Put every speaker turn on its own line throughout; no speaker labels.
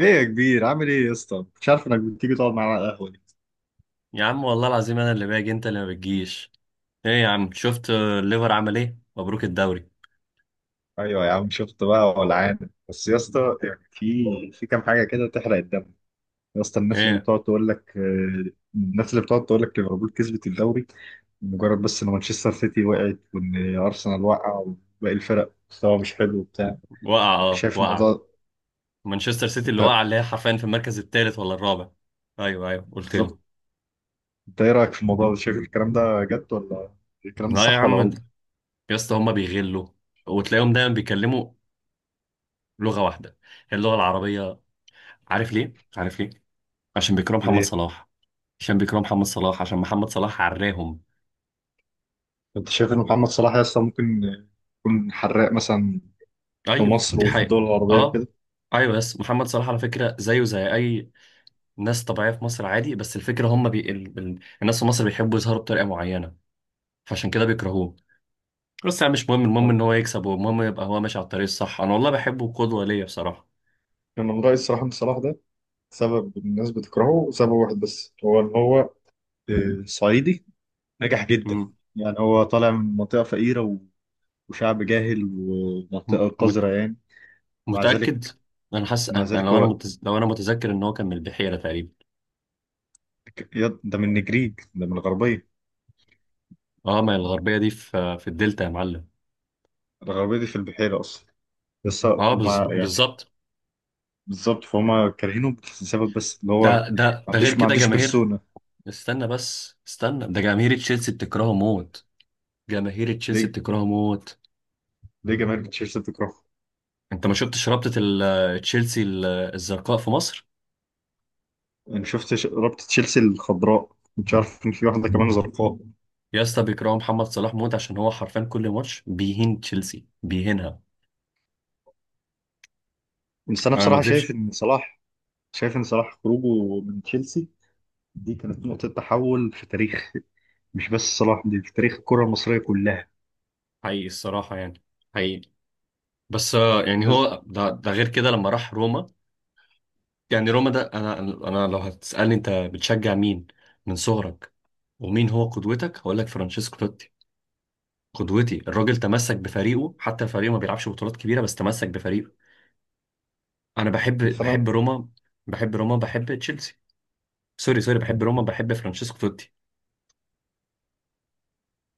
ايه يا كبير، عامل ايه يا اسطى؟ مش عارف انك بتيجي تقعد معانا على القهوه دي.
يا عم والله العظيم انا اللي باجي انت اللي ما بتجيش. ايه يا عم شفت الليفر عمل ايه؟ مبروك الدوري.
ايوه يا عم شفت بقى، ولعان. بس يا اسطى يعني في كام حاجه كده تحرق الدم. يا اسطى الناس اللي
ايه؟
بتقعد تقول لك، الناس اللي بتقعد تقول لك ليفربول كسبت الدوري مجرد بس ان مانشستر سيتي وقعت وان ارسنال وقع وباقي الفرق مستوى مش حلو وبتاع.
وقع.
يعني
اه
شايف
وقع.
الموضوع؟
مانشستر سيتي اللي
انت
وقع، اللي هي حرفيا في المركز الثالث ولا الرابع؟ ايوه ايوه قلت لي.
بالظبط. انت ايه رايك في الموضوع ده؟ شايف الكلام ده جد ولا الكلام ده
لا يا
صح ولا
عم.
غلط؟
يا اسطى هما بيغلوا، وتلاقيهم دايما بيتكلموا لغه واحده، هي اللغه العربيه. عارف ليه؟ عارف ليه؟ عشان بيكرهوا محمد
ليه؟
صلاح. عشان بيكرهوا محمد صلاح، عشان محمد صلاح عراهم.
انت شايف ان محمد صلاح يا اسطى ممكن يكون حراق مثلا في
ايوه
مصر
دي
وفي
حقيقه.
الدول العربية
اه.
وكده؟
ايوه بس محمد صلاح على فكره زيه زي اي ناس طبيعية في مصر، عادي. بس الفكرة هم الناس في مصر بيحبوا يظهروا بطريقة معينة، فعشان كده بيكرهوه. بس يعني مش مهم، المهم
أه.
ان هو يكسب، والمهم يبقى هو ماشي على الطريق الصح. انا والله بحبه، قدوة ليا بصراحة.
أنا من رأيي الصراحة إن صلاح ده سبب الناس بتكرهه سبب واحد بس، هو إن هو صعيدي نجح جدا.
مم.
يعني هو طالع من منطقة فقيرة وشعب جاهل
م...
ومنطقة قذرة
مت...
يعني. مع
متأكد.
ذلك،
انا حاسس،
مع
انا أنا
ذلك
لو انا
هو
متز... لو انا متذكر ان هو كان من البحيرة تقريبا.
ده من النجريج، ده من الغربية.
اه ما هي الغربية دي في الدلتا يا معلم.
الغربية دي في البحيرة أصلا. بس
اه
مع يعني،
بالظبط.
بالظبط، فهم كارهينه بسبب بس اللي هو ما
ده غير
عندوش ما
كده
عندوش
جماهير.
بيرسونا.
استنى بس استنى، ده جماهير تشيلسي بتكرهه موت. جماهير تشيلسي
ليه؟
بتكرهه موت.
ليه جماهير تشيلسي بتكرهه؟
انت ما شفتش رابطة تشيلسي الزرقاء في مصر؟
انا شفت رابطه تشيلسي الخضراء، مش عارف ان في واحده كمان زرقاء.
يا اسطى بيكرهوا محمد صلاح موت عشان هو حرفيا كل ماتش بيهين تشيلسي، بيهينها.
بس انا
انا ما
بصراحه شايف
اكذبش.
ان صلاح، شايف ان صلاح خروجه من تشيلسي دي كانت نقطه تحول في تاريخ، مش بس صلاح، دي في تاريخ الكره المصريه كلها.
حقيقي الصراحة يعني، حقيقي. بس يعني
الناس،
هو ده غير كده لما راح روما. يعني روما ده، انا لو هتسألني انت بتشجع مين من صغرك، ومين هو قدوتك، هقول لك فرانشيسكو توتي. قدوتي الراجل تمسك بفريقه، حتى فريقه ما بيلعبش بطولات كبيرة بس تمسك بفريقه. انا بحب
بس انا
بحب روما، بحب روما بحب تشيلسي. سوري سوري، بحب روما بحب فرانشيسكو توتي.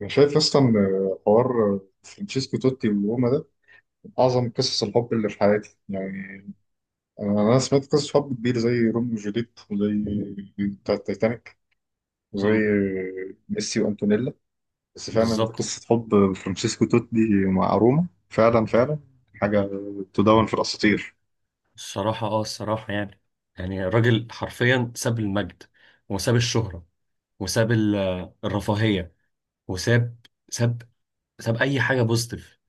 أنا شايف اصلا حوار فرانشيسكو توتي وروما ده من اعظم قصص الحب اللي في حياتي يعني. أنا سمعت قصص حب كبير زي روميو وجوليت وزي بتاع التايتانيك وزي
امم.
ميسي وانتونيلا. بس فعلا
بالظبط.
قصة حب فرانشيسكو توتي مع روما فعلا، فعلا حاجة تدون في الأساطير.
الصراحة الصراحة يعني الراجل حرفيا ساب المجد، وساب الشهرة، وساب الرفاهية، وساب، ساب ساب أي حاجة بوزيتيف.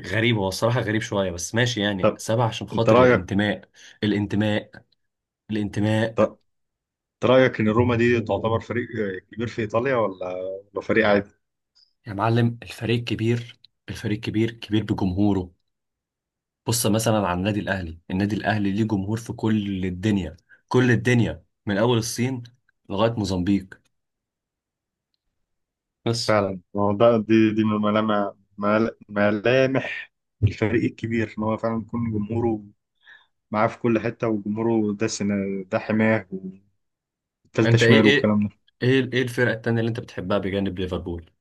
غريب هو الصراحة، غريب شوية، بس ماشي يعني،
طب
ساب عشان
أنت
خاطر
رأيك
الانتماء. الانتماء. الانتماء.
طب أنت رأيك إن روما دي تعتبر فريق كبير في إيطاليا، ولا ولا فريق عادي؟
يا معلم الفريق كبير. الفريق كبير، كبير بجمهوره. بص مثلا على النادي الاهلي. النادي الاهلي ليه جمهور في كل الدنيا، كل الدنيا من اول الصين لغايه موزمبيق بس.
فعلا، ما هو ده، دي من ملامح، ملامح الفريق الكبير، إن هو فعلا يكون جمهوره معاه في كل حتة، وجمهوره ده سنة، ده حماه، والتالتة
انت ايه؟
شمال
ايه
والكلام ده.
ايه ايه الفرقه التانيه اللي انت بتحبها بجانب ليفربول؟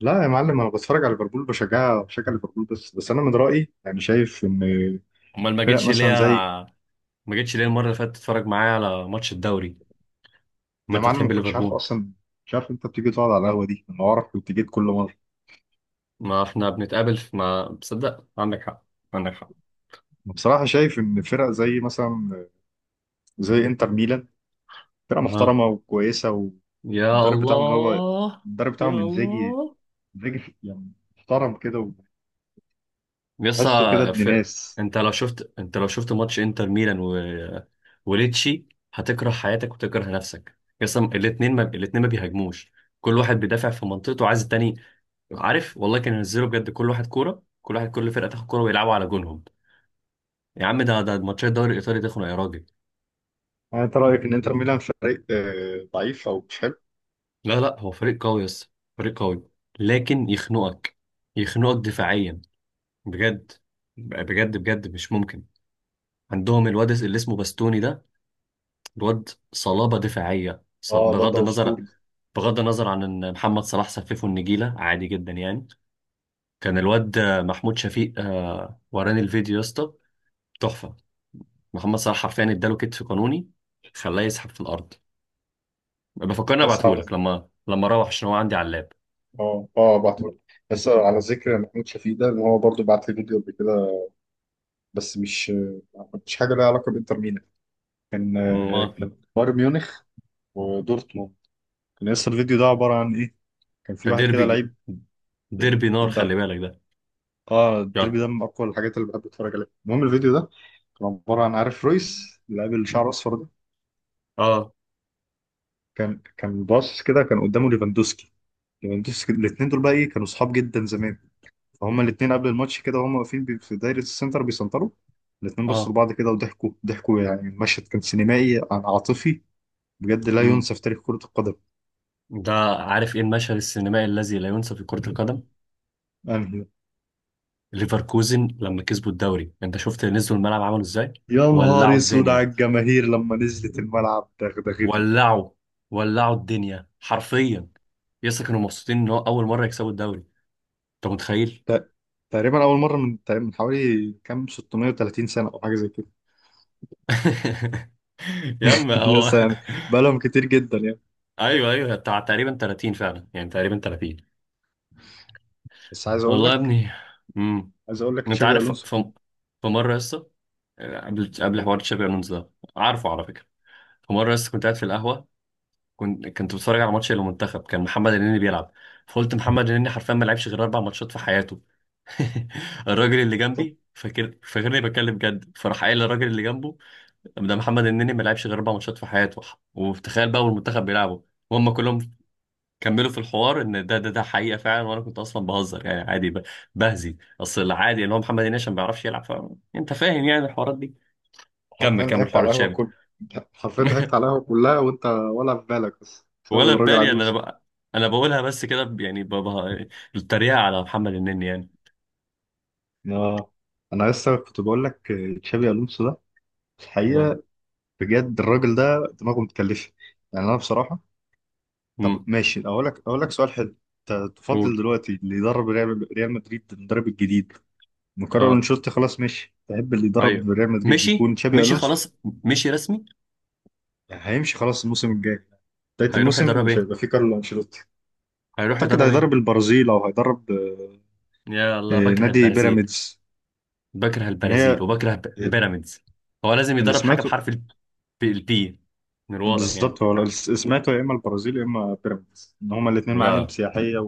لا يا معلم، أنا بتفرج على ليفربول، بشجعها، بشجع ليفربول، بس أنا من رأيي يعني شايف إن
امال ما
فرق
جيتش ليه؟
مثلا زي،
ما جيتش ليه المره اللي فاتت تتفرج معايا على ماتش الدوري؟ ما
يا
انت
معلم ما
بتحب
كنتش عارف
ليفربول.
اصلا، مش عارف انت بتيجي تقعد على القهوه دي، انا اعرف كنت جيت كل مره.
ما احنا بنتقابل في، ما بصدق. عندك حق، عندك حق.
بصراحه شايف ان فرق زي مثلا زي انتر ميلان فرقه
ها.
محترمه وكويسه، والمدرب
يا
بتاعهم اللي هو،
الله.
المدرب
يا
بتاعهم انزاجي.
الله.
انزاجي يعني محترم كده،
يس.
وتحسه كده ابن
في...
ناس.
انت لو شفت، انت لو شفت ماتش انتر ميلان وليتشي هتكره حياتك وتكره نفسك. يس. الاثنين ما بيهاجموش، كل واحد بيدافع في منطقته عايز التاني. عارف والله كان ينزلوا بجد كل واحد كوره، كل واحد كل فرقه تاخد كوره ويلعبوا على جونهم. يا عم ده ماتشات الدوري الايطالي تخنق يا راجل.
يعني انت رايك ان انتر ميلان فريق ضعيف او مش حلو؟
لا لا، هو فريق قوي. يس فريق قوي، لكن يخنقك. يخنقك دفاعيا. بجد. بجد بجد مش ممكن. عندهم الواد اللي اسمه باستوني ده، الواد صلابة دفاعية.
اه الواد
بغض
ده
النظر،
اسطوري.
بغض النظر عن ان محمد صلاح سففه النجيلة عادي جدا يعني. كان الواد محمود شفيق وراني الفيديو يا اسطى، تحفة. محمد صلاح حرفيا اداله كتف قانوني، خلاه يسحب في الارض. بفكرني
بس على،
ابعتهولك لما اروح، عشان هو عندي على اللاب.
اه اه بعتولي، بس على ذكر محمود شفيق ده، ان هو برضه بعت لي فيديو قبل كده، بس مش مش حاجه لها علاقه بانتر ميلان، كان
ما.
كان بايرن ميونخ ودورتموند. كان لسه الفيديو ده عبارة عن إيه، كان في
ده
واحد كده
ديربي.
لعيب،
ديربي نار
ده،
خلي بالك ده.
اه الديربي
يلا.
ده من اقوى الحاجات اللي بحب اتفرج عليها. المهم الفيديو ده كان عباره عن، عارف رويس اللاعب اللي شعره اصفر ده،
اه.
كان كان باص كده، كان قدامه ليفاندوسكي. ليفاندوسكي الاثنين دول بقى ايه، كانوا صحاب جدا زمان، فهم الاثنين قبل الماتش كده وهم واقفين في دايره السنتر بيسنتروا، الاثنين بصوا
اه.
لبعض كده وضحكوا، ضحكوا يعني، المشهد كان سينمائي عن عاطفي، بجد لا
امم
ينسى في تاريخ كره القدم.
ده عارف ايه المشهد السينمائي الذي لا ينسى في كرة القدم؟
انهي؟
ليفركوزن لما كسبوا الدوري، انت شفت نزلوا الملعب عملوا ازاي؟
يا
ولعوا
نهار اسود على
الدنيا.
الجماهير لما نزلت الملعب دغدغته.
ولعوا. ولعوا الدنيا حرفيا. يسا كانوا مبسوطين ان هو اول مره يكسبوا الدوري، انت متخيل؟
ت- تقريبا اول مره من تقريباً من حوالي كام 630 سنه او حاجه زي كده.
يا عم هو.
يس يعني بقالهم كتير جدا يعني.
ايوه ايوه، بتاع تقريبا 30 فعلا، يعني تقريبا 30.
بس عايز اقول
والله يا
لك،
ابني. امم
عايز اقول لك
انت
تشابي
عارف،
الونسو في
في مره يسا، قبل
الجول.
حوار تشابي الونزو ده. عارفه على فكره. في مره يسا كنت قاعد في القهوه، كنت بتفرج على ماتش المنتخب، كان محمد النني بيلعب. فقلت محمد النني حرفيا ما لعبش غير اربع ماتشات في حياته. الراجل اللي
طب
جنبي فاكرني بتكلم جد، فراح قايل للراجل اللي جنبه ده محمد النني ما لعبش غير اربع ماتشات في حياته. وتخيل بقى والمنتخب بيلعبوا وهم كلهم كملوا في الحوار ان ده حقيقه فعلا، وانا كنت اصلا بهزر يعني عادي، بهزي. اصل العادي ان هو محمد النني عشان ما بيعرفش يلعب. فانت فاهم يعني الحوارات دي.
حرفيا
كمل كمل
ضحكت
حوار
على القهوه
تشابي.
كل، حرفيا ضحكت على القهوه كلها وانت ولا في بالك، بس بسبب
ولا في
الراجل
بالي،
عجوز.
أنا بقولها بس كده، يعني بابا التريقة على محمد النني يعني.
اه انا لسه كنت بقول لك تشابي الونسو ده
اه.
الحقيقه، بجد الراجل ده دماغه متكلفه. يعني انا بصراحه، طب
امم
ماشي اقول لك، اقول لك سؤال حلو. تفضل
قول.
دلوقتي اللي يدرب ريال مدريد، المدرب الجديد مكرر
اه
انشيلوتي خلاص ماشي، تحب اللي
ايوه.
يدرب ريال مدريد
مشي
يكون تشابي
مشي
الونسو؟
خلاص. مشي رسمي.
يعني هيمشي خلاص الموسم الجاي، بداية
هيروح
الموسم
يدرب
مش
ايه؟
هيبقى فيه كارلو انشيلوتي.
هيروح
اعتقد
يدرب ايه؟
هيدرب البرازيل او هيدرب
يا الله بكره
نادي
البرازيل.
بيراميدز.
بكره
يعني
البرازيل،
هي
وبكره
آه،
بيراميدز. هو لازم
اللي
يدرب حاجة
سمعته،
بحرف البي، من الواضح
بالظبط
يعني.
هو اللي سمعته يا اما البرازيل يا اما بيراميدز ان هما الاثنين معالم
لا.
سياحية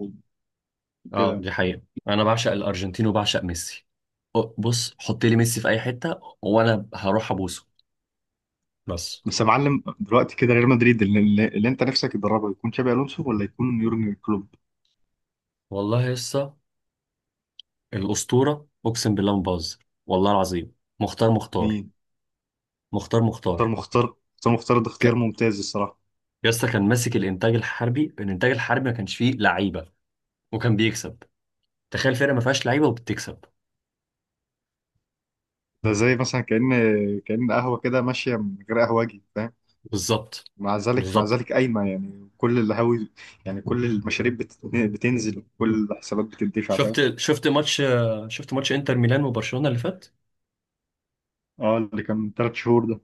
اه
وكده.
دي حقيقة. انا بعشق الارجنتين وبعشق ميسي. بص حط لي ميسي في اي حتة وانا هروح ابوسه. بس.
بس يا معلم دلوقتي كده ريال مدريد اللي انت نفسك تدربه يكون تشابي الونسو ولا يكون يورجن كلوب؟
والله يا اسطى الأسطورة، أقسم بالله ما بهزر. والله العظيم. مختار. مختار.
مين؟
مختار.
اختار
مختار.
مختار. اختار مختار ده اختيار
ك...
ممتاز الصراحه.
يا اسطى، كان ماسك الإنتاج الحربي. الإنتاج الحربي ما كانش فيه لعيبة، وكان بيكسب. تخيل فرقة ما فيهاش لعيبة وبتكسب.
ده زي مثلا كأن، كأن قهوه كده ماشيه من غير قهوجي فاهم.
بالظبط.
مع ذلك، مع
بالظبط.
ذلك قايمه يعني كل القهاوي، يعني كل المشاريب بتنزل وكل الحسابات بتدفع فاهم.
شفت شفت ماتش شفت ماتش إنتر ميلان وبرشلونة اللي فات.
اه اللي كان من ثلاث شهور ده.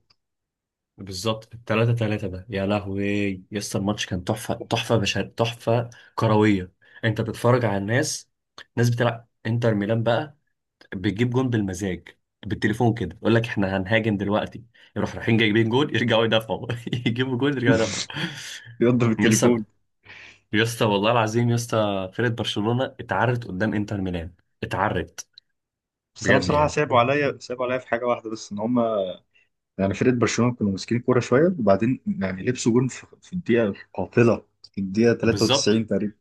بالظبط 3-3 ده، يا لهوي. يا اسطى الماتش كان تحفة. تحفة بشر، تحفة كروية. انت بتتفرج على ناس بتلعب انتر ميلان بقى بتجيب جون بالمزاج، بالتليفون كده يقول لك احنا هنهاجم دلوقتي، يروح رايحين جايبين جون يرجعوا يدافعوا، يجيبوا جون يرجعوا يدافعوا.
بيضرب
يا اسطى،
التليفون.
يا اسطى والله العظيم يا اسطى فرقه برشلونه اتعرت قدام انتر ميلان. اتعرت
بس انا
بجد
بصراحه
يعني.
سابوا عليا، سابوا عليا في حاجه واحده بس ان هم، يعني فرقه برشلونه كانوا ماسكين كوره شويه، وبعدين يعني لبسوا جون في الدقيقه القاتله، في الدقيقه
بالظبط،
93 تقريبا،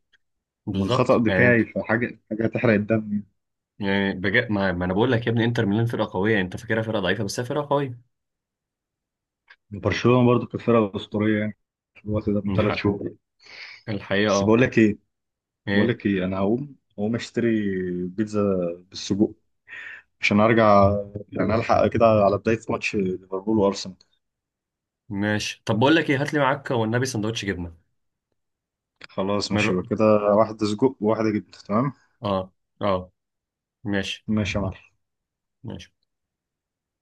ومن
بالظبط
خطا
يعني انت.
دفاعي، فحاجه، حاجه تحرق الدم.
يعني بجد ما انا بقول لك يا ابني انتر ميلان فرقه قويه، انت فاكرها فرقه ضعيفه بس هي فرقه قويه.
يعني برشلونه برضو كانت فرقه اسطوريه يعني في الوقت ده من ثلاث
الحق-
شهور.
الحقيقه
بس
اه.
بقول لك ايه، بقول
ايه؟
لك ايه، انا هقوم، هقوم اشتري بيتزا بالسجق عشان ارجع، يعني الحق كده على بدايه ماتش ليفربول وارسنال.
ماشي، طب بقول لك ايه، هات لي معاك والنبي سندوتش جبنه.
خلاص
من
ماشي
الر-
يبقى كده، واحده سجق وواحده جبنه تمام.
اه. اه. ماشي.
ماشي يا معلم.
ماشي.